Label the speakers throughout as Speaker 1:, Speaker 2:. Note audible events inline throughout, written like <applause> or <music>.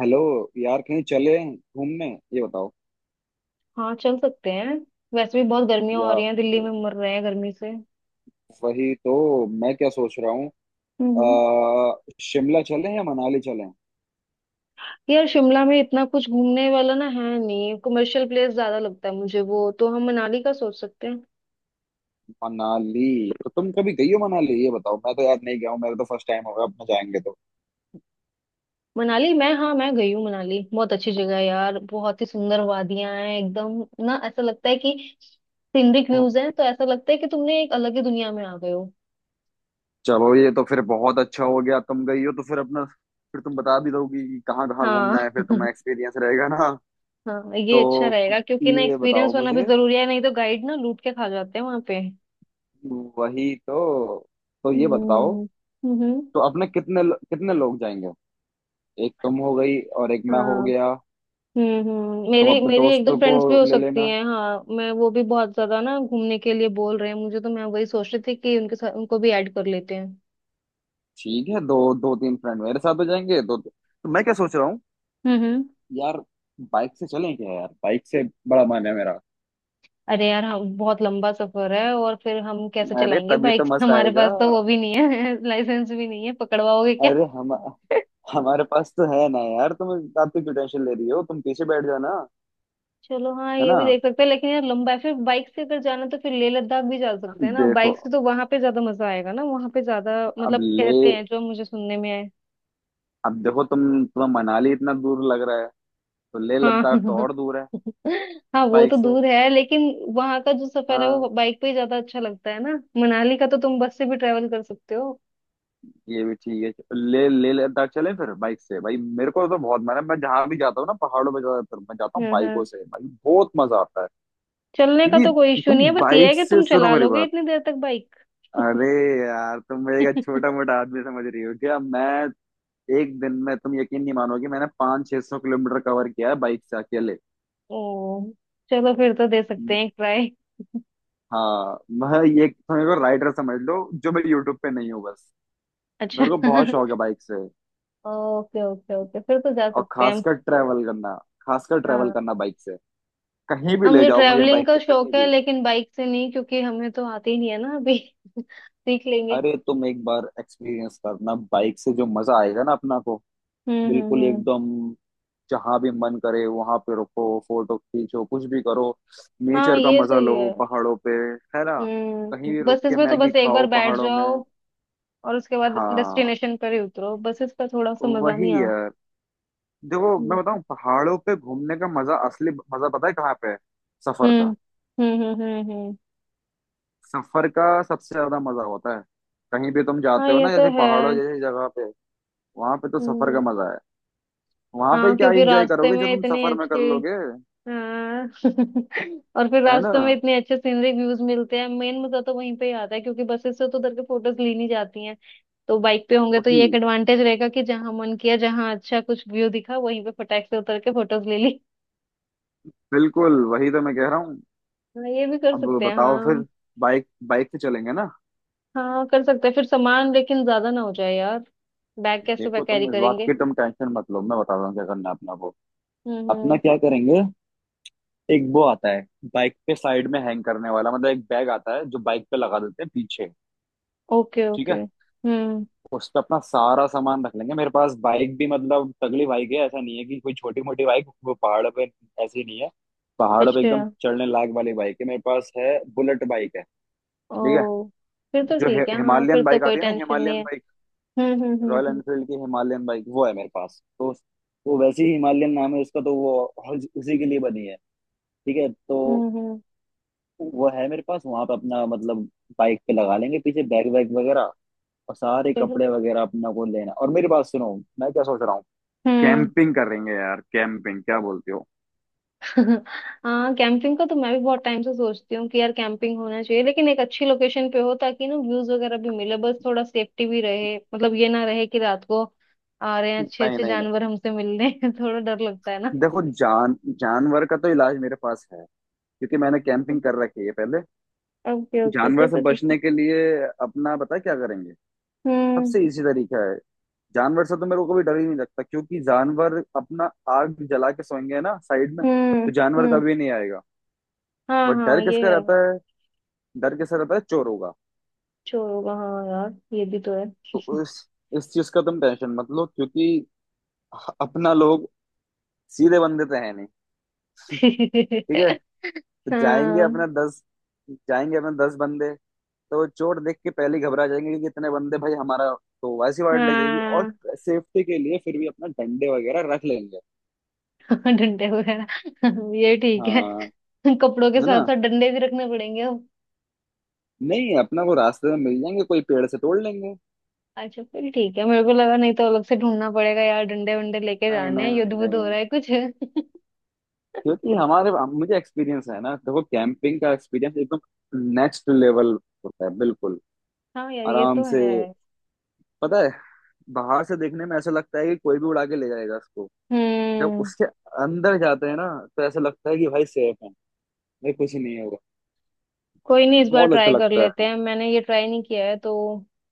Speaker 1: Hello. यार कहीं चले घूमने, ये बताओ।
Speaker 2: हाँ, चल सकते हैं। वैसे भी बहुत गर्मियां हो रही
Speaker 1: यार
Speaker 2: हैं, दिल्ली में मर रहे हैं गर्मी से।
Speaker 1: वही तो, मैं क्या सोच रहा हूँ। अ,
Speaker 2: हम्म।
Speaker 1: शिमला चलें या मनाली चलें।
Speaker 2: यार, शिमला में इतना कुछ घूमने वाला ना है, नहीं कमर्शियल प्लेस ज्यादा लगता है मुझे वो, तो हम मनाली का सोच सकते हैं।
Speaker 1: मनाली तो तुम कभी गई हो मनाली, ये बताओ। मैं तो यार नहीं गया हूँ, मेरा तो फर्स्ट टाइम होगा अपना जाएंगे तो।
Speaker 2: मनाली मैं, हाँ मैं गई हूँ मनाली। बहुत अच्छी जगह है यार, बहुत ही सुंदर वादियां हैं एकदम, ना ऐसा लगता है कि सीनरिक
Speaker 1: हाँ,
Speaker 2: व्यूज हैं, तो ऐसा लगता है कि तुमने एक अलग ही दुनिया में आ गए हो।
Speaker 1: चलो ये तो फिर बहुत अच्छा हो गया, तुम गई हो तो फिर अपना, फिर तुम बता भी दोगी कि कहाँ कहाँ
Speaker 2: हाँ
Speaker 1: घूमना है, फिर तुम्हें
Speaker 2: <laughs>
Speaker 1: एक्सपीरियंस रहेगा ना।
Speaker 2: हाँ, ये
Speaker 1: तो
Speaker 2: अच्छा रहेगा क्योंकि ना
Speaker 1: ये बताओ
Speaker 2: एक्सपीरियंस होना भी
Speaker 1: मुझे।
Speaker 2: जरूरी है, नहीं तो गाइड ना लूट के खा जाते हैं वहां पे।
Speaker 1: वही तो। तो ये बताओ।
Speaker 2: हम्म, हम्म।
Speaker 1: तो अपने कितने कितने लोग जाएंगे। एक तुम हो गई और एक मैं हो
Speaker 2: हाँ।
Speaker 1: गया।
Speaker 2: हम्म।
Speaker 1: तुम
Speaker 2: मेरी
Speaker 1: अपने
Speaker 2: मेरी एक दो
Speaker 1: दोस्तों को
Speaker 2: फ्रेंड्स भी हो
Speaker 1: ले
Speaker 2: सकती
Speaker 1: लेना।
Speaker 2: हैं, हाँ मैं, वो भी बहुत ज्यादा ना घूमने के लिए बोल रहे हैं मुझे, तो मैं वही सोच रही थी कि उनके साथ उनको भी ऐड कर लेते हैं।
Speaker 1: ठीक है, दो दो तीन फ्रेंड मेरे साथ हो जाएंगे दो, तो मैं क्या सोच रहा हूँ।
Speaker 2: हम्म।
Speaker 1: यार बाइक से चलें क्या, यार बाइक से बड़ा मन है मेरा।
Speaker 2: अरे यार, हम बहुत लंबा सफर है और फिर हम कैसे
Speaker 1: अरे
Speaker 2: चलाएंगे
Speaker 1: तभी तो
Speaker 2: बाइक <laughs>
Speaker 1: मजा
Speaker 2: हमारे
Speaker 1: आएगा।
Speaker 2: पास तो वो भी नहीं है <laughs> लाइसेंस भी नहीं है, पकड़वाओगे क्या?
Speaker 1: अरे हम
Speaker 2: <laughs>
Speaker 1: हमारे पास तो है ना यार, तुम इस बात की क्यों टेंशन ले रही हो, तुम पीछे बैठ जाना।
Speaker 2: चलो, हाँ
Speaker 1: है
Speaker 2: ये
Speaker 1: ना,
Speaker 2: भी देख सकते हैं, लेकिन यार लंबा है। फिर बाइक से अगर जाना तो फिर लेह लद्दाख भी जा सकते हैं ना
Speaker 1: देखो।
Speaker 2: बाइक से, तो वहां पे ज्यादा मजा आएगा ना, वहां पे ज्यादा
Speaker 1: अब
Speaker 2: मतलब
Speaker 1: ले
Speaker 2: कहते हैं जो मुझे सुनने में है।
Speaker 1: अब देखो तुम, तुम्हें मनाली इतना दूर लग रहा है तो ले
Speaker 2: हाँ
Speaker 1: लद्दाख तो
Speaker 2: <laughs>
Speaker 1: और दूर है,
Speaker 2: हाँ, वो
Speaker 1: बाइक
Speaker 2: तो
Speaker 1: से।
Speaker 2: दूर है लेकिन वहां का जो सफर है
Speaker 1: हाँ
Speaker 2: वो बाइक पे ही ज्यादा अच्छा लगता है ना। मनाली का तो तुम बस से भी ट्रेवल कर सकते हो।
Speaker 1: ये भी ठीक है, ले ले लद्दाख चलें फिर बाइक से, भाई मेरे को तो बहुत मैं जहां भी जाता हूँ ना पहाड़ों पे, ज्यादातर मैं जाता हूँ
Speaker 2: हाँ
Speaker 1: बाइकों
Speaker 2: हाँ।
Speaker 1: से, भाई बहुत मजा आता है।
Speaker 2: चलने का तो कोई
Speaker 1: क्योंकि
Speaker 2: इशू नहीं
Speaker 1: तुम
Speaker 2: है, बस ये है
Speaker 1: बाइक
Speaker 2: कि
Speaker 1: से,
Speaker 2: तुम
Speaker 1: सुनो
Speaker 2: चला
Speaker 1: मेरी
Speaker 2: लोगे
Speaker 1: बात,
Speaker 2: इतनी देर तक बाइक?
Speaker 1: अरे यार तुम मेरे का छोटा
Speaker 2: <laughs>
Speaker 1: मोटा आदमी समझ रही हो क्या? मैं एक दिन में, तुम यकीन नहीं मानोगे, मैंने 500-600 किलोमीटर कवर किया है बाइक से अकेले।
Speaker 2: ओ, चलो फिर तो दे सकते हैं एक ट्राई।
Speaker 1: हाँ मैं, ये तुम्हें को राइडर समझ लो, जो मैं यूट्यूब पे नहीं हूँ बस।
Speaker 2: अच्छा
Speaker 1: मेरे को बहुत शौक
Speaker 2: <laughs>
Speaker 1: है बाइक से,
Speaker 2: ओके ओके ओके, फिर तो जा
Speaker 1: और
Speaker 2: सकते हैं हम।
Speaker 1: खासकर ट्रैवल करना, खासकर ट्रैवल
Speaker 2: हाँ।
Speaker 1: करना बाइक से। कहीं भी
Speaker 2: हाँ
Speaker 1: ले
Speaker 2: मुझे
Speaker 1: जाओ मुझे
Speaker 2: ट्रैवलिंग
Speaker 1: बाइक
Speaker 2: का
Speaker 1: से, कहीं
Speaker 2: शौक है,
Speaker 1: भी।
Speaker 2: लेकिन बाइक से नहीं, क्योंकि हमें तो आती ही नहीं है ना अभी <laughs> सीख लेंगे।
Speaker 1: अरे तुम एक बार एक्सपीरियंस करना बाइक से, जो मजा आएगा ना अपना को, बिल्कुल
Speaker 2: हम्म।
Speaker 1: एकदम। जहां भी मन करे वहां पे रुको, फोटो खींचो, कुछ भी करो।
Speaker 2: हाँ
Speaker 1: नेचर का
Speaker 2: ये
Speaker 1: मजा
Speaker 2: सही
Speaker 1: लो
Speaker 2: है।
Speaker 1: पहाड़ों पे, है ना। कहीं
Speaker 2: हम्म।
Speaker 1: भी रुक
Speaker 2: बसेस
Speaker 1: के
Speaker 2: में तो
Speaker 1: मैगी
Speaker 2: बस एक बार
Speaker 1: खाओ
Speaker 2: बैठ
Speaker 1: पहाड़ों में।
Speaker 2: जाओ और उसके बाद
Speaker 1: हाँ
Speaker 2: डेस्टिनेशन पर ही उतरो, बसेस का थोड़ा सा मजा
Speaker 1: वही
Speaker 2: नहीं आता।
Speaker 1: यार। देखो मैं
Speaker 2: हम्म,
Speaker 1: बताऊं, पहाड़ों पे घूमने का मजा, असली मजा पता है कहाँ पे है? सफर
Speaker 2: हम्म
Speaker 1: का।
Speaker 2: हम्म हम्म हम्म हम्म।
Speaker 1: सफर का सबसे ज्यादा मजा होता है, कहीं भी तुम
Speaker 2: हाँ
Speaker 1: जाते हो
Speaker 2: ये
Speaker 1: ना
Speaker 2: तो
Speaker 1: जैसे
Speaker 2: है।
Speaker 1: पहाड़ों जैसी जगह पे, वहां पे तो सफर का
Speaker 2: हम्म।
Speaker 1: मजा है। वहां पे
Speaker 2: हाँ,
Speaker 1: क्या
Speaker 2: क्योंकि
Speaker 1: एंजॉय
Speaker 2: रास्ते
Speaker 1: करोगे जो
Speaker 2: में
Speaker 1: तुम
Speaker 2: इतनी
Speaker 1: सफर में कर
Speaker 2: अच्छी,
Speaker 1: लोगे,
Speaker 2: हाँ <laughs> और फिर
Speaker 1: है ना।
Speaker 2: रास्ते में इतने अच्छे सीनरी व्यूज मिलते हैं, मेन मजा तो वहीं पे ही आता है, क्योंकि बसेस से तो उधर के फोटोज ली नहीं जाती हैं। तो बाइक पे होंगे तो
Speaker 1: वही,
Speaker 2: ये एक एडवांटेज रहेगा कि जहाँ मन किया, जहाँ अच्छा कुछ व्यू दिखा वहीं पे फटाक से उतर के फोटोज ले ली।
Speaker 1: बिल्कुल वही तो मैं कह रहा हूँ।
Speaker 2: हाँ ये भी कर
Speaker 1: अब
Speaker 2: सकते हैं,
Speaker 1: बताओ
Speaker 2: हाँ।
Speaker 1: फिर, बाइक बाइक से चलेंगे ना।
Speaker 2: हाँ कर सकते हैं, फिर सामान लेकिन ज्यादा ना हो जाए यार। बैग
Speaker 1: देखो
Speaker 2: कैरी
Speaker 1: तुम इस बात
Speaker 2: करेंगे?
Speaker 1: की, तुम टेंशन मत लो, मैं बता रहा हूँ क्या करना है अपना वो, अपना
Speaker 2: हम्म।
Speaker 1: क्या करेंगे, एक वो आता है बाइक पे साइड में हैंग करने वाला, मतलब एक बैग आता है जो बाइक पे लगा देते हैं पीछे।
Speaker 2: ओके
Speaker 1: ठीक
Speaker 2: ओके।
Speaker 1: है,
Speaker 2: हम्म।
Speaker 1: उस पे अपना सारा सामान रख लेंगे। मेरे पास बाइक भी मतलब तगड़ी बाइक है, ऐसा नहीं है कि कोई छोटी मोटी बाइक वो पहाड़ पे, ऐसी नहीं है। पहाड़ों पे
Speaker 2: अच्छा,
Speaker 1: एकदम चढ़ने लायक वाली बाइक है मेरे पास, है बुलेट बाइक है। ठीक है।
Speaker 2: ओ, फिर तो
Speaker 1: जो
Speaker 2: ठीक है, हाँ फिर
Speaker 1: हिमालयन
Speaker 2: तो
Speaker 1: बाइक
Speaker 2: कोई
Speaker 1: आती है ना,
Speaker 2: टेंशन नहीं
Speaker 1: हिमालयन
Speaker 2: है।
Speaker 1: बाइक, रॉयल
Speaker 2: हम्म।
Speaker 1: एनफील्ड की हिमालयन बाइक वो है मेरे पास तो। वो वैसे ही हिमालयन नाम है उसका, तो वो उसी के लिए बनी है। ठीक है तो
Speaker 2: हम्म हम्म,
Speaker 1: वो है मेरे पास। वहां पे अपना मतलब बाइक पे लगा लेंगे पीछे बैग वैग वगैरह, और सारे
Speaker 2: चलो।
Speaker 1: कपड़े वगैरह अपना को लेना। और मेरी बात सुनो, मैं क्या सोच रहा हूँ,
Speaker 2: हम्म।
Speaker 1: कैंपिंग करेंगे यार, कैंपिंग, क्या बोलते हो।
Speaker 2: <laughs> हाँ, कैंपिंग का तो मैं भी बहुत टाइम से सोचती हूँ कि यार कैंपिंग होना चाहिए, लेकिन एक अच्छी लोकेशन पे हो ताकि ना व्यूज वगैरह भी मिले, बस थोड़ा सेफ्टी भी रहे, मतलब ये ना रहे कि रात को आ रहे हैं अच्छे
Speaker 1: नहीं
Speaker 2: अच्छे
Speaker 1: नहीं नहीं,
Speaker 2: जानवर हमसे मिलने <laughs> थोड़ा डर लगता है।
Speaker 1: देखो जानवर का तो इलाज मेरे पास है, क्योंकि मैंने
Speaker 2: ना,
Speaker 1: कैंपिंग कर रखी है पहले।
Speaker 2: ओके ओके,
Speaker 1: जानवर
Speaker 2: फिर
Speaker 1: से
Speaker 2: तो ठीक है।
Speaker 1: बचने के लिए अपना, पता है क्या करेंगे,
Speaker 2: हम्म
Speaker 1: सबसे इजी तरीका है। जानवर से तो मेरे को कभी डर ही नहीं लगता, क्योंकि जानवर, अपना आग जला के सोएंगे ना साइड में, तो
Speaker 2: हम्म
Speaker 1: जानवर
Speaker 2: हम्म।
Speaker 1: कभी नहीं आएगा।
Speaker 2: हाँ
Speaker 1: बट
Speaker 2: हाँ
Speaker 1: डर
Speaker 2: ये
Speaker 1: किसका
Speaker 2: है।
Speaker 1: रहता है, डर किसका रहता है, चोरों का।
Speaker 2: चोर होगा हाँ यार, ये भी तो है।
Speaker 1: तो इस चीज का तुम टेंशन मत लो, क्योंकि अपना लोग सीधे बंदे तो है नहीं। <laughs>
Speaker 2: <laughs>
Speaker 1: ठीक है। तो जाएंगे
Speaker 2: हाँ।
Speaker 1: अपना दस जाएंगे अपना 10 बंदे, तो चोट देख के पहले ही घबरा जाएंगे कि इतने बंदे, भाई हमारा तो वैसी वार्ड लग जाएगी। और
Speaker 2: हाँ
Speaker 1: सेफ्टी के लिए फिर भी अपना डंडे वगैरह रख लेंगे।
Speaker 2: <laughs> डंडे वगैरह ये ठीक है।
Speaker 1: हाँ,
Speaker 2: <laughs> कपड़ों के
Speaker 1: है ना,
Speaker 2: साथ साथ डंडे भी रखने पड़ेंगे अब।
Speaker 1: नहीं अपना को रास्ते में मिल जाएंगे, कोई पेड़ से तोड़ लेंगे।
Speaker 2: अच्छा फिर ठीक है, मेरे को लगा नहीं तो अलग से ढूंढना पड़ेगा यार। डंडे वंडे लेके
Speaker 1: नहीं
Speaker 2: जाने
Speaker 1: नहीं
Speaker 2: हैं, युद्ध
Speaker 1: नहीं
Speaker 2: वुद्ध हो
Speaker 1: नहीं,
Speaker 2: रहा है कुछ <laughs>
Speaker 1: क्योंकि हमारे, मुझे एक्सपीरियंस है ना। देखो कैंपिंग का एक्सपीरियंस एकदम नेक्स्ट लेवल होता है, बिल्कुल
Speaker 2: हाँ यार ये
Speaker 1: आराम
Speaker 2: तो
Speaker 1: से।
Speaker 2: है।
Speaker 1: पता है, बाहर से देखने में ऐसा लगता है कि कोई भी उड़ा के ले जाएगा इसको, जब
Speaker 2: हम्म।
Speaker 1: उसके अंदर जाते हैं ना तो ऐसा लगता है कि भाई सेफ है, भाई कुछ नहीं होगा।
Speaker 2: कोई नहीं, इस बार
Speaker 1: बहुत अच्छा
Speaker 2: ट्राई कर
Speaker 1: लगता
Speaker 2: लेते
Speaker 1: है।
Speaker 2: हैं, मैंने ये ट्राई नहीं किया है तो।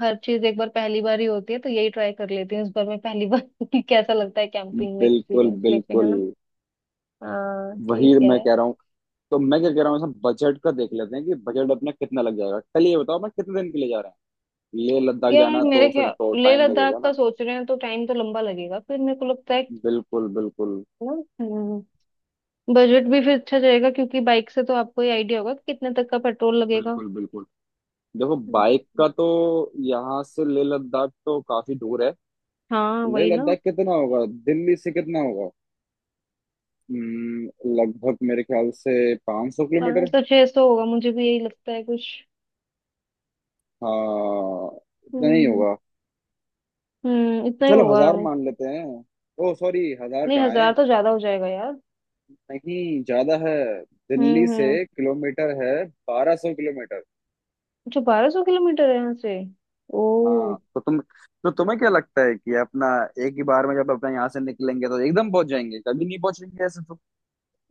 Speaker 2: हर चीज एक बार पहली बार ही होती है, तो यही ट्राई कर लेती हूँ इस बार मैं, पहली बार <laughs> कि कैसा लगता है कैंपिंग में
Speaker 1: बिल्कुल
Speaker 2: एक्सपीरियंस लेके,
Speaker 1: बिल्कुल,
Speaker 2: है ना। हाँ ठीक
Speaker 1: वही
Speaker 2: है।
Speaker 1: मैं कह रहा हूँ। तो मैं क्या कह रहा हूँ, इसमें बजट का देख लेते हैं कि बजट अपना कितना लग जाएगा। कल ये बताओ, मैं कितने दिन के लिए जा रहा हूँ, लेह लद्दाख
Speaker 2: यार
Speaker 1: जाना
Speaker 2: मेरे
Speaker 1: तो फिर
Speaker 2: ख्याल,
Speaker 1: तो
Speaker 2: लेह
Speaker 1: टाइम
Speaker 2: लद्दाख
Speaker 1: लगेगा
Speaker 2: का
Speaker 1: ना।
Speaker 2: सोच रहे हैं तो टाइम तो लंबा लगेगा। फिर मेरे को लगता है कि
Speaker 1: बिल्कुल बिल्कुल,
Speaker 2: ना बजट भी फिर अच्छा जाएगा, क्योंकि बाइक से तो आपको ही आइडिया होगा कि कितने तक का पेट्रोल लगेगा।
Speaker 1: बिल्कुल बिल्कुल। देखो
Speaker 2: हम्म।
Speaker 1: बाइक का तो, यहाँ से लेह लद्दाख तो काफी दूर है।
Speaker 2: हाँ
Speaker 1: लेह
Speaker 2: वही ना।
Speaker 1: लद्दाख कितना होगा दिल्ली से, कितना होगा? हम्म, लगभग मेरे ख्याल से 500 किलोमीटर।
Speaker 2: 500 600 होगा, मुझे भी यही लगता है कुछ।
Speaker 1: हाँ इतना ही
Speaker 2: हम्म
Speaker 1: होगा।
Speaker 2: हम्म, इतना ही
Speaker 1: चलो
Speaker 2: होगा।
Speaker 1: हजार मान लेते हैं। ओ सॉरी, हजार
Speaker 2: नहीं,
Speaker 1: कहाँ
Speaker 2: 1,000
Speaker 1: है,
Speaker 2: तो ज्यादा हो जाएगा यार।
Speaker 1: नहीं ज्यादा है। दिल्ली से
Speaker 2: हम्म।
Speaker 1: किलोमीटर है 1,200 किलोमीटर।
Speaker 2: अच्छा, 1,200 किलोमीटर है यहाँ से। ओ।
Speaker 1: हाँ तो तुम, तो तुम्हें क्या लगता है कि अपना एक ही बार में जब अपना यहाँ से निकलेंगे तो एकदम पहुंच जाएंगे, कभी नहीं पहुंचेंगे ऐसे तो।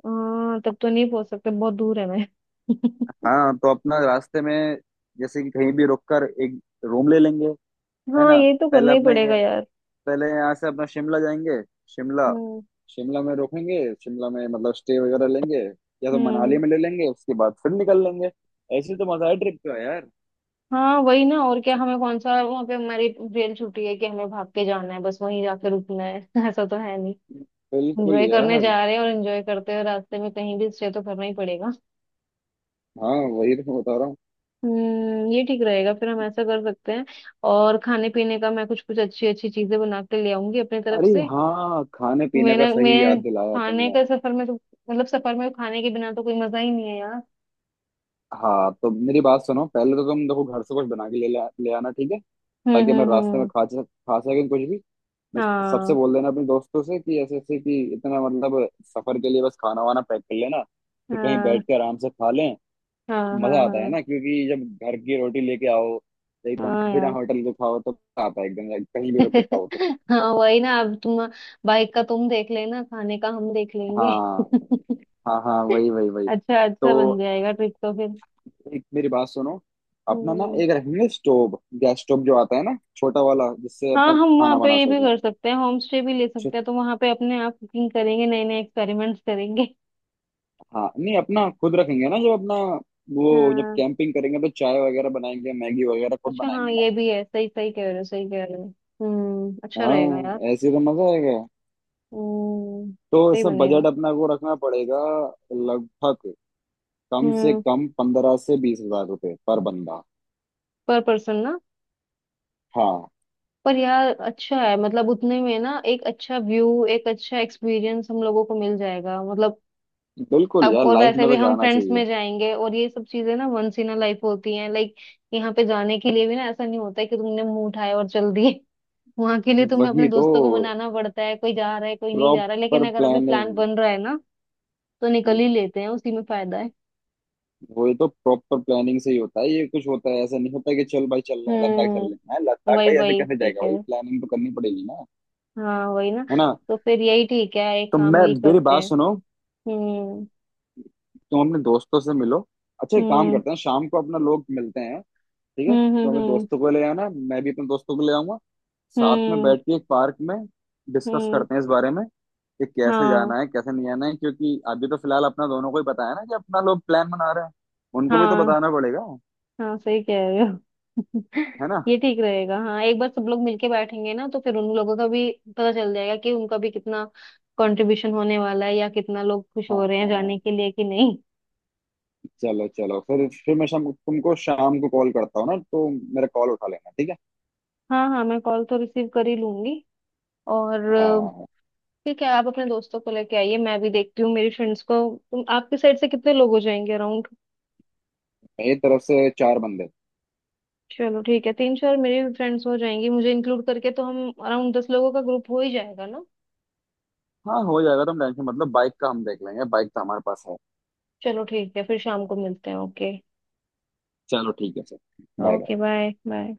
Speaker 2: हाँ तब तो नहीं पहुंच सकते, बहुत दूर है मैं <laughs>
Speaker 1: हाँ तो अपना रास्ते में, जैसे कि कहीं भी रुक कर एक रूम ले लेंगे, है
Speaker 2: हाँ
Speaker 1: ना।
Speaker 2: ये तो
Speaker 1: पहले
Speaker 2: करना ही
Speaker 1: अपना
Speaker 2: पड़ेगा यार।
Speaker 1: पहले यहाँ से अपना शिमला जाएंगे। शिमला,
Speaker 2: हम्म।
Speaker 1: शिमला में रुकेंगे, शिमला में मतलब स्टे वगैरह लेंगे, या तो मनाली
Speaker 2: हम्म।
Speaker 1: में ले लेंगे उसके बाद फिर निकल लेंगे। ऐसे तो मजा है ट्रिप का यार।
Speaker 2: हाँ वही ना, और क्या हमें कौन सा वहाँ पे हमारी रेल छुट्टी है कि हमें भाग के जाना है, बस वहीं जाके रुकना है <laughs> ऐसा तो है नहीं।
Speaker 1: बिल्कुल
Speaker 2: एंजॉय करने
Speaker 1: यार।
Speaker 2: जा रहे हैं, और एंजॉय करते हुए रास्ते में कहीं भी स्टे तो करना ही पड़ेगा।
Speaker 1: हाँ वही तो मैं बता रहा हूँ।
Speaker 2: हम्म, ये ठीक रहेगा, फिर हम ऐसा कर सकते हैं। और खाने पीने का मैं कुछ कुछ अच्छी अच्छी चीजें बना के ले आऊंगी अपनी तरफ
Speaker 1: अरे
Speaker 2: से।
Speaker 1: हाँ, खाने पीने
Speaker 2: मेरा,
Speaker 1: का सही याद
Speaker 2: मैं
Speaker 1: दिलाया
Speaker 2: खाने
Speaker 1: तुमने।
Speaker 2: का सफर में तो, मतलब सफर में खाने के बिना तो कोई मजा ही नहीं है यार।
Speaker 1: हाँ तो मेरी बात सुनो, पहले तो तुम देखो घर से कुछ बना के ले आना, ठीक है, ताकि मैं रास्ते में
Speaker 2: हम्म।
Speaker 1: खा सकूँ कुछ भी। मैं सबसे
Speaker 2: हाँ
Speaker 1: बोल देना अपने दोस्तों से कि ऐसे ऐसे कि इतना मतलब, सफर के लिए बस खाना वाना पैक कर लेना, कि कहीं
Speaker 2: हाँ
Speaker 1: बैठ के आराम से खा लें।
Speaker 2: हाँ। हाँ।
Speaker 1: मजा आता है
Speaker 2: हाँ।
Speaker 1: ना, क्योंकि जब घर की रोटी लेके आओ, एकदम
Speaker 2: हाँ
Speaker 1: बिना
Speaker 2: यार
Speaker 1: होटल के खाओ तो मजा आता है, एकदम कहीं भी रुक के
Speaker 2: <laughs>
Speaker 1: खाओ तो।
Speaker 2: हाँ वही ना, अब तुम बाइक का तुम देख लेना, खाने का हम देख लेंगे <laughs>
Speaker 1: हाँ हाँ हाँ, वही वही वही।
Speaker 2: अच्छा अच्छा, बन
Speaker 1: तो
Speaker 2: जाएगा ट्रिप तो फिर।
Speaker 1: एक मेरी बात सुनो, अपना ना
Speaker 2: हम्म।
Speaker 1: एक रखेंगे स्टोव, गैस स्टोव जो आता है ना छोटा वाला, जिससे
Speaker 2: हाँ,
Speaker 1: अपना
Speaker 2: हम वहाँ
Speaker 1: खाना
Speaker 2: पे
Speaker 1: बना
Speaker 2: ये भी
Speaker 1: सकें।
Speaker 2: कर सकते हैं, होम स्टे भी ले सकते हैं, तो वहाँ पे अपने आप कुकिंग करेंगे, नए नए एक्सपेरिमेंट्स करेंगे <laughs>
Speaker 1: हाँ नहीं अपना खुद रखेंगे ना, जब अपना, वो जब
Speaker 2: हाँ।
Speaker 1: कैंपिंग करेंगे तो चाय वगैरह बनाएंगे, मैगी वगैरह खुद
Speaker 2: अच्छा हाँ,
Speaker 1: बनाएंगे ना।
Speaker 2: ये भी है। सही सही कह रहे हो, सही कह रहे हो। हम्म, अच्छा रहेगा यार।
Speaker 1: हाँ ऐसे तो मजा आएगा।
Speaker 2: हम्म,
Speaker 1: तो
Speaker 2: सही
Speaker 1: इसमें
Speaker 2: बनेगा।
Speaker 1: बजट अपना को रखना पड़ेगा, लगभग कम से
Speaker 2: हम्म।
Speaker 1: कम 15 से 20 हजार रुपये पर बंदा।
Speaker 2: पर पर्सन ना?
Speaker 1: हाँ
Speaker 2: पर यार अच्छा है, मतलब उतने में ना एक अच्छा व्यू, एक अच्छा एक्सपीरियंस हम लोगों को मिल जाएगा, मतलब।
Speaker 1: बिल्कुल
Speaker 2: अब
Speaker 1: यार,
Speaker 2: और
Speaker 1: लाइफ
Speaker 2: वैसे
Speaker 1: में
Speaker 2: भी
Speaker 1: तो
Speaker 2: हम
Speaker 1: जाना
Speaker 2: फ्रेंड्स
Speaker 1: चाहिए।
Speaker 2: में जाएंगे, और ये सब चीजें ना वंस इन अ लाइफ होती हैं, लाइक यहाँ पे जाने के लिए भी ना ऐसा नहीं होता है कि तुमने मुंह उठाया और चल दिए <laughs> वहां के लिए तुम्हें अपने
Speaker 1: वही तो,
Speaker 2: दोस्तों को मनाना पड़ता है, कोई जा रहा है, कोई नहीं जा रहा है,
Speaker 1: प्रॉपर
Speaker 2: लेकिन अगर अभी प्लान
Speaker 1: प्लानिंग,
Speaker 2: बन रहा है ना तो निकल ही लेते हैं, उसी में फायदा है।
Speaker 1: वही तो प्रॉपर प्लानिंग से ही होता है ये, कुछ होता है, ऐसा नहीं होता कि चल भाई चल रहे हैं लद्दाख, चल रहे हैं हाँ,
Speaker 2: हम्म।
Speaker 1: लद्दाख
Speaker 2: वही
Speaker 1: भाई ऐसे
Speaker 2: वही,
Speaker 1: कैसे
Speaker 2: सही
Speaker 1: जाएगा,
Speaker 2: कह रहे
Speaker 1: भाई
Speaker 2: हो।
Speaker 1: प्लानिंग तो करनी पड़ेगी ना।
Speaker 2: हाँ वही ना।
Speaker 1: है ना।
Speaker 2: तो फिर यही ठीक है, एक
Speaker 1: तो
Speaker 2: काम
Speaker 1: मैं
Speaker 2: यही
Speaker 1: मेरी
Speaker 2: करते
Speaker 1: बात
Speaker 2: हैं।
Speaker 1: सुनो,
Speaker 2: हम्म
Speaker 1: तुम अपने दोस्तों से मिलो, अच्छा एक काम
Speaker 2: हम्म
Speaker 1: करते हैं, शाम को अपना लोग मिलते हैं। ठीक है,
Speaker 2: हम्म
Speaker 1: तुम
Speaker 2: हम्म
Speaker 1: अपने
Speaker 2: हम्म
Speaker 1: दोस्तों को ले आना, मैं भी अपने दोस्तों को ले आऊंगा। साथ में
Speaker 2: हम्म।
Speaker 1: बैठ के एक पार्क में डिस्कस
Speaker 2: हम्म,
Speaker 1: करते हैं इस बारे में, कि कैसे
Speaker 2: हाँ
Speaker 1: जाना है, कैसे नहीं आना है, क्योंकि अभी तो फिलहाल अपना दोनों को ही बताया ना कि अपना लोग प्लान बना रहे हैं, उनको भी तो
Speaker 2: हाँ
Speaker 1: बताना पड़ेगा।
Speaker 2: हाँ, सही कह रहे हो
Speaker 1: है ना।
Speaker 2: <laughs> ये ठीक रहेगा, हाँ एक बार सब लोग मिलके बैठेंगे ना तो फिर उन लोगों का भी पता चल जाएगा कि उनका भी कितना कंट्रीब्यूशन होने वाला है, या कितना लोग खुश हो रहे हैं जाने
Speaker 1: हाँ
Speaker 2: के लिए कि नहीं।
Speaker 1: चलो चलो, फिर मैं शाम, तुमको शाम को कॉल करता हूँ ना तो, मेरा कॉल उठा लेना, ठीक है।
Speaker 2: हाँ हाँ, मैं कॉल तो रिसीव कर ही लूंगी। और
Speaker 1: हाँ
Speaker 2: ठीक है, आप अपने दोस्तों को लेके आइए, मैं भी देखती हूँ मेरी फ्रेंड्स को। तुम, आपकी साइड से कितने लोग हो जाएंगे अराउंड?
Speaker 1: मेरी तरफ से चार बंदे।
Speaker 2: चलो ठीक है, तीन चार मेरी भी फ्रेंड्स हो जाएंगी मुझे इंक्लूड करके, तो हम अराउंड 10 लोगों का ग्रुप हो ही जाएगा ना।
Speaker 1: हाँ हो जाएगा, तुम टेंशन, मतलब बाइक का हम देख लेंगे, बाइक तो हमारे पास है।
Speaker 2: चलो ठीक है, फिर शाम को मिलते हैं, ओके।
Speaker 1: चलो ठीक है sir, bye bye.
Speaker 2: Okay, bye bye.